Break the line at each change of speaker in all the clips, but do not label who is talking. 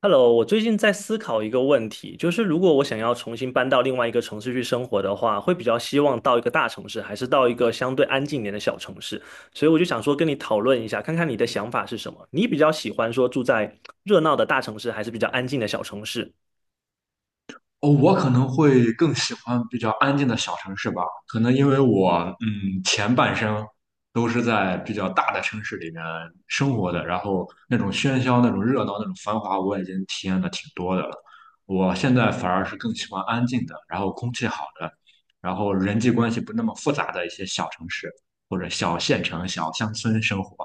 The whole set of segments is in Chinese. Hello，我最近在思考一个问题，就是如果我想要重新搬到另外一个城市去生活的话，会比较希望到一个大城市，还是到一个相对安静一点的小城市？所以我就想说跟你讨论一下，看看你的想法是什么。你比较喜欢说住在热闹的大城市，还是比较安静的小城市？
哦，我可能会更喜欢比较安静的小城市吧，可能因为我前半生都是在比较大的城市里面生活的，然后那种喧嚣、那种热闹、那种繁华，我已经体验的挺多的了。我现在反而是更喜欢安静的，然后空气好的，然后人际关系不那么复杂的一些小城市或者小县城、小乡村生活。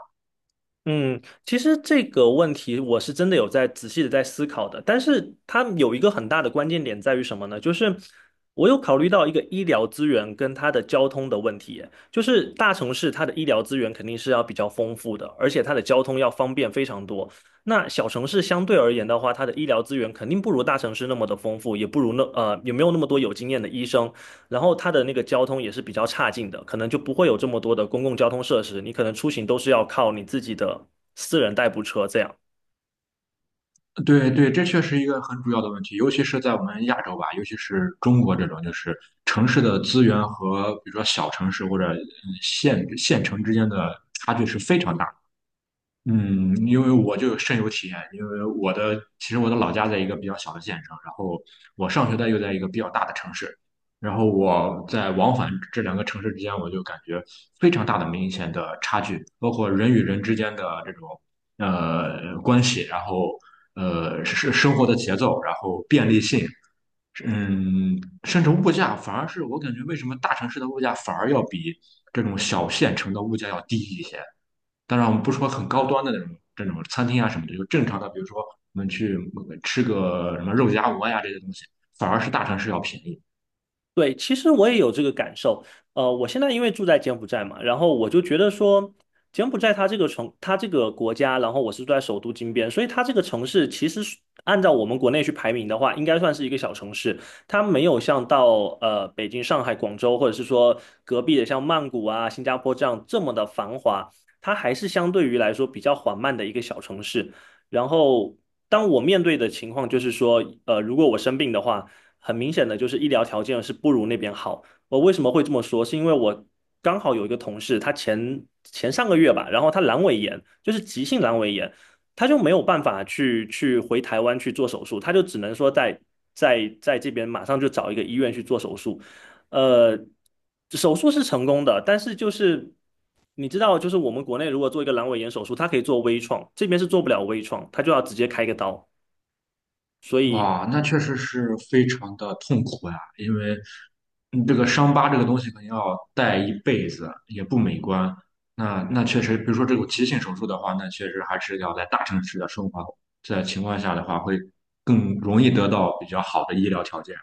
嗯，其实这个问题我是真的有在仔细的在思考的，但是它有一个很大的关键点在于什么呢？就是我有考虑到一个医疗资源跟它的交通的问题，就是大城市它的医疗资源肯定是要比较丰富的，而且它的交通要方便非常多。那小城市相对而言的话，它的医疗资源肯定不如大城市那么的丰富，也不如也没有那么多有经验的医生。然后它的那个交通也是比较差劲的，可能就不会有这么多的公共交通设施，你可能出行都是要靠你自己的私人代步车这样。
对对，这确实一个很主要的问题，尤其是在我们亚洲吧，尤其是中国这种，就是城市的资源和比如说小城市或者县城之间的差距是非常大的。嗯，因为我就深有体验，因为其实我的老家在一个比较小的县城，然后我上学的又在一个比较大的城市，然后我在往返这两个城市之间，我就感觉非常大的明显的差距，包括人与人之间的这种关系，然后是生活的节奏，然后便利性，嗯，甚至物价，反而是我感觉为什么大城市的物价反而要比这种小县城的物价要低一些。当然，我们不说很高端的那种这种餐厅啊什么的，就正常的，比如说我们去吃个什么肉夹馍呀这些东西，反而是大城市要便宜。
对，其实我也有这个感受。我现在因为住在柬埔寨嘛，然后我就觉得说，柬埔寨它这个城，它这个国家，然后我是住在首都金边，所以它这个城市其实是按照我们国内去排名的话，应该算是一个小城市。它没有像到北京、上海、广州，或者是说隔壁的像曼谷啊、新加坡这样这么的繁华，它还是相对于来说比较缓慢的一个小城市。然后，当我面对的情况就是说，如果我生病的话。很明显的就是医疗条件是不如那边好。我为什么会这么说？是因为我刚好有一个同事，他前上个月吧，然后他阑尾炎，就是急性阑尾炎，他就没有办法去回台湾去做手术，他就只能说在这边马上就找一个医院去做手术。呃，手术是成功的，但是就是你知道，就是我们国内如果做一个阑尾炎手术，它可以做微创，这边是做不了微创，他就要直接开个刀。所以
哇，那确实是非常的痛苦呀，因为这个伤疤这个东西可能要带一辈子，也不美观。那确实，比如说这种急性手术的话，那确实还是要在大城市的生活在情况下的话，会更容易得到比较好的医疗条件。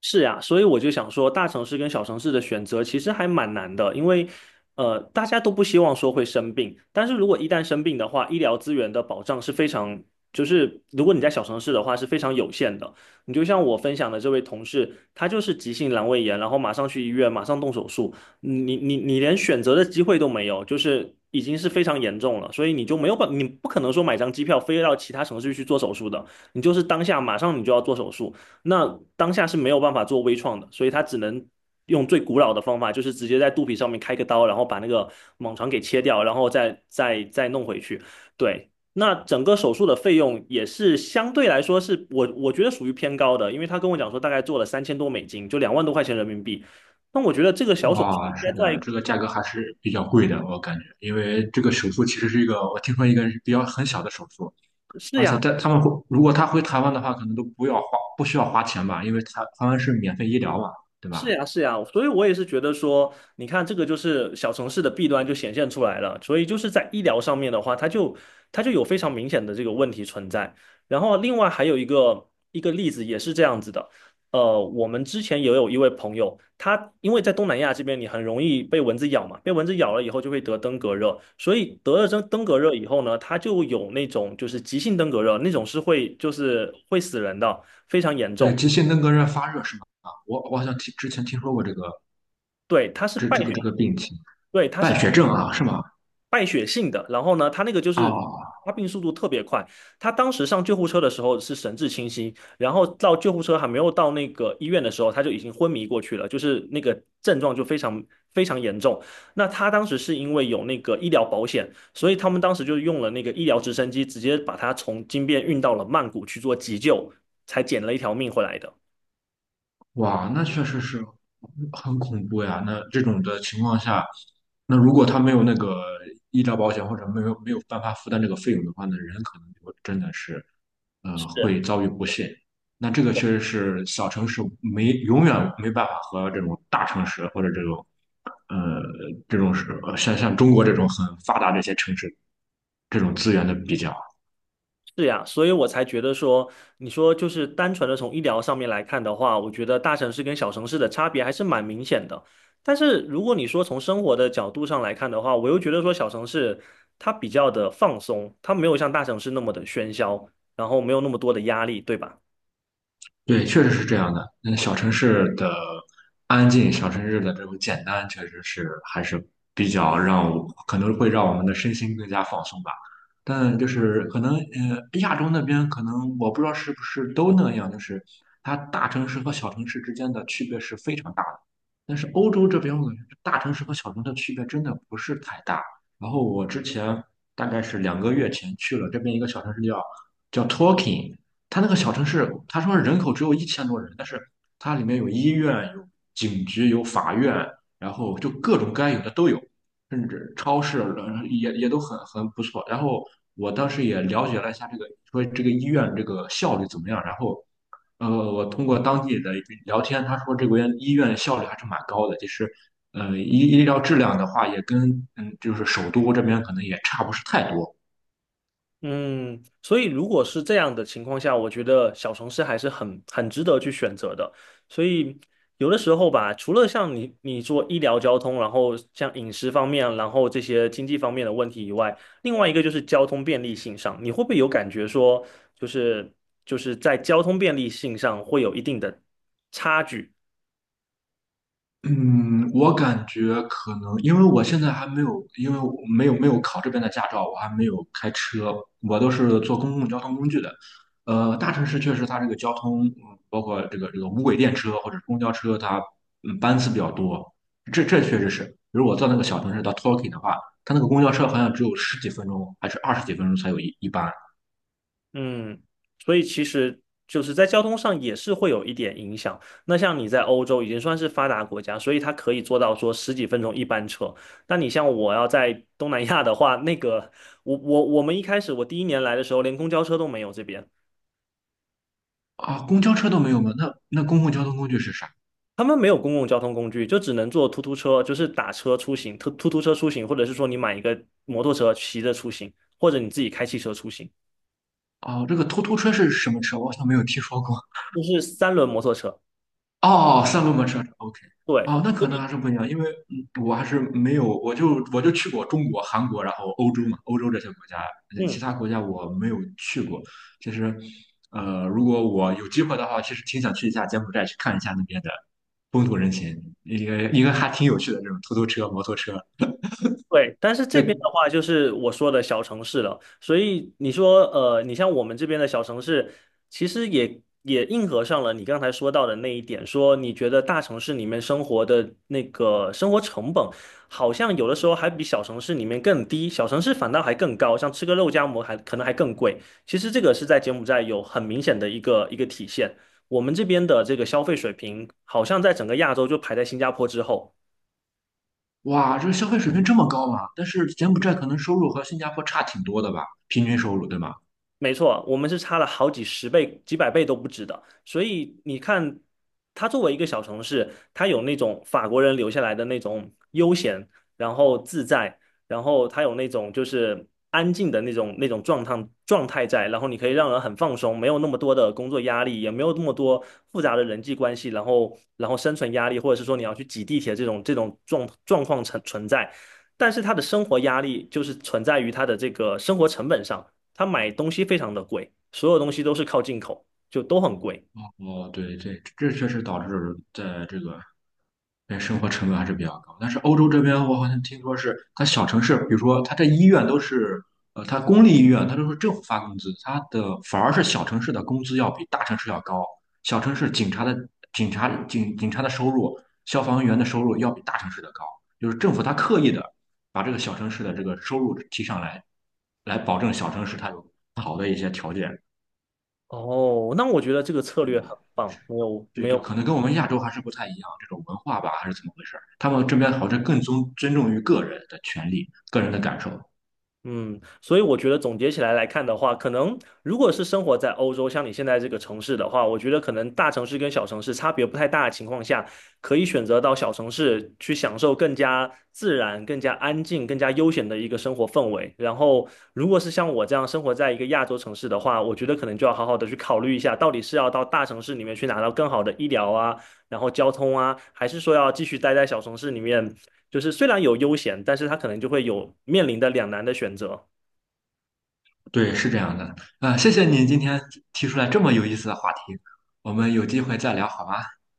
是呀，所以我就想说，大城市跟小城市的选择其实还蛮难的，因为大家都不希望说会生病，但是如果一旦生病的话，医疗资源的保障是非常，就是如果你在小城市的话是非常有限的。你就像我分享的这位同事，他就是急性阑尾炎，然后马上去医院，马上动手术，你连选择的机会都没有，就是已经是非常严重了，所以你就没有办，你不可能说买张机票飞到其他城市去做手术的，你就是当下马上你就要做手术。那当下是没有办法做微创的，所以他只能用最古老的方法，就是直接在肚皮上面开个刀，然后把那个蟒床给切掉，然后再弄回去。对，那整个手术的费用也是相对来说是我觉得属于偏高的，因为他跟我讲说大概做了3000多美金，就2万多块钱人民币。那我觉得这个小手术应
哇，是
该
的，
在
这个价格还是比较贵的，我感觉，因为这个手术其实是一个，我听说一个是比较很小的手术，
是
而且
呀，
在他们会，如果他回台湾的话，可能都不要花，不需要花钱吧，因为台湾是免费医疗嘛，对
是
吧？
呀，是呀，所以我也是觉得说，你看这个就是小城市的弊端就显现出来了，所以就是在医疗上面的话，它就它就有非常明显的这个问题存在。然后另外还有一个例子也是这样子的，我们之前也有一位朋友，他因为在东南亚这边你很容易被蚊子咬嘛，被蚊子咬了以后就会得登革热，所以得了登革热以后呢，他就有那种就是急性登革热，那种是会就是会死人的，非常严
对，
重。
急性登革热发热是吗？啊，我好像听之前听说过这个
对，它是
这
败
这个
血，
这个病情，
对，它是。
败血症啊，是吗？
败血性的，然后呢，他那个就是
哦。
发病速度特别快。他当时上救护车的时候是神志清晰，然后到救护车还没有到那个医院的时候，他就已经昏迷过去了，就是那个症状就非常非常严重。那他当时是因为有那个医疗保险，所以他们当时就用了那个医疗直升机，直接把他从金边运到了曼谷去做急救，才捡了一条命回来的。
哇，那确实是很恐怖呀。那这种的情况下，那如果他没有那个医疗保险，或者没有办法负担这个费用的话，那人可能就真的是，呃，会遭遇不幸。那这个确实是小城市没永远没办法和这种大城市或者这种，呃，这种是像中国这种很发达这些城市这种资源的比较。
是呀，所以我才觉得说，你说就是单纯的从医疗上面来看的话，我觉得大城市跟小城市的差别还是蛮明显的。但是如果你说从生活的角度上来看的话，我又觉得说小城市它比较的放松，它没有像大城市那么的喧嚣，然后没有那么多的压力，对吧？
对，确实是这样的。嗯，小城市的安静，小城市的这种简单，确实是还是比较让我，可能会让我们的身心更加放松吧。但就是可能，呃，亚洲那边可能我不知道是不是都那样，就是它大城市和小城市之间的区别是非常大的。但是欧洲这边，我感觉大城市和小城市的区别真的不是太大。然后我之前大概是2个月前去了这边一个小城市叫 Torquay。它那个小城市，他说人口只有1000多人，但是它里面有医院、有警局、有法院，然后就各种该有的都有，甚至超市也都很不错。然后我当时也了解了一下这个，说这个医院这个效率怎么样。然后，呃，我通过当地的聊天，他说这边医院效率还是蛮高的，其实。医疗质量的话，也跟就是首都这边可能也差不是太多。
嗯，所以如果是这样的情况下，我觉得小城市还是很值得去选择的。所以有的时候吧，除了像你做医疗交通，然后像饮食方面，然后这些经济方面的问题以外，另外一个就是交通便利性上，你会不会有感觉说，就是就是在交通便利性上会有一定的差距？
嗯，我感觉可能，因为我现在还没有，因为我没有考这边的驾照，我还没有开车，我都是坐公共交通工具的。大城市确实它这个交通，包括这个无轨电车或者公交车，它班次比较多，这确实是。比如我到那个小城市到 Torquay 的话，它那个公交车好像只有十几分钟还是二十几分钟才有一班
嗯，所以其实就是在交通上也是会有一点影响。那像你在欧洲已经算是发达国家，所以它可以做到说十几分钟一班车。那你像我要在东南亚的话，那个我们一开始我第一年来的时候，连公交车都没有这边。
啊，公交车都没有吗？那公共交通工具是啥？
他们没有公共交通工具，就只能坐突突车，就是打车出行，突突车出行，或者是说你买一个摩托车骑着出行，或者你自己开汽车出行，
哦，这个突突车是什么车？我好像没有听说过。
就是三轮摩托车。
哦，三轮摩托车是 OK。
对，
哦，那可能还是不一样，因为我还是没有，我就去过中国、韩国，然后欧洲嘛，欧洲这些国家，呃其
嗯。
他国家我没有去过。其实，呃，如果我有机会的话，其实挺想去一下柬埔寨，去看一下那边的风土人情，一个还挺有趣的这种突突车、摩托车。
对，但是这
对，
边的话就是我说的小城市了，所以你说，你像我们这边的小城市，其实也应和上了你刚才说到的那一点，说你觉得大城市里面生活的那个生活成本，好像有的时候还比小城市里面更低，小城市反倒还更高，像吃个肉夹馍还可能还更贵。其实这个是在柬埔寨有很明显的一个体现，我们这边的这个消费水平，好像在整个亚洲就排在新加坡之后。
哇，这个消费水平这么高嘛？但是柬埔寨可能收入和新加坡差挺多的吧，平均收入对吗？
没错，我们是差了好几十倍、几百倍都不止的。所以你看，它作为一个小城市，它有那种法国人留下来的那种悠闲，然后自在，然后它有那种就是安静的那种状态在，然后你可以让人很放松，没有那么多的工作压力，也没有那么多复杂的人际关系，然后生存压力，或者是说你要去挤地铁这种状况存在。但是他的生活压力就是存在于他的这个生活成本上。他买东西非常的贵，所有东西都是靠进口，就都很贵。
哦，对对，这确实导致在这个对，生活成本还是比较高。但是欧洲这边，我好像听说是它小城市，比如说它这医院都是，呃，它公立医院它都是政府发工资，它的反而是小城市的工资要比大城市要高。小城市警察的收入，消防员的收入要比大城市的高，就是政府它刻意的把这个小城市的这个收入提上来，来保证小城市它有好的一些条件。
哦，那我觉得这个策
对，
略很棒，
是，
没有
对
没有
对，可能跟我们亚洲还是不太一样，这种文化吧，还是怎么回事儿？他们这边好像更尊重于个人的权利、个人的感受。
嗯，所以我觉得总结起来来看的话，可能如果是生活在欧洲，像你现在这个城市的话，我觉得可能大城市跟小城市差别不太大的情况下，可以选择到小城市去享受更加自然、更加安静、更加悠闲的一个生活氛围。然后，如果是像我这样生活在一个亚洲城市的话，我觉得可能就要好好的去考虑一下，到底是要到大城市里面去拿到更好的医疗啊，然后交通啊，还是说要继续待在小城市里面？就是虽然有悠闲，但是他可能就会有面临的两难的选择。
对，是这样的。啊、谢谢你今天提出来这么有意思的话题，我们有机会再聊好吗？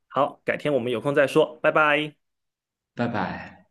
好，改天我们有空再说，拜拜。
拜拜。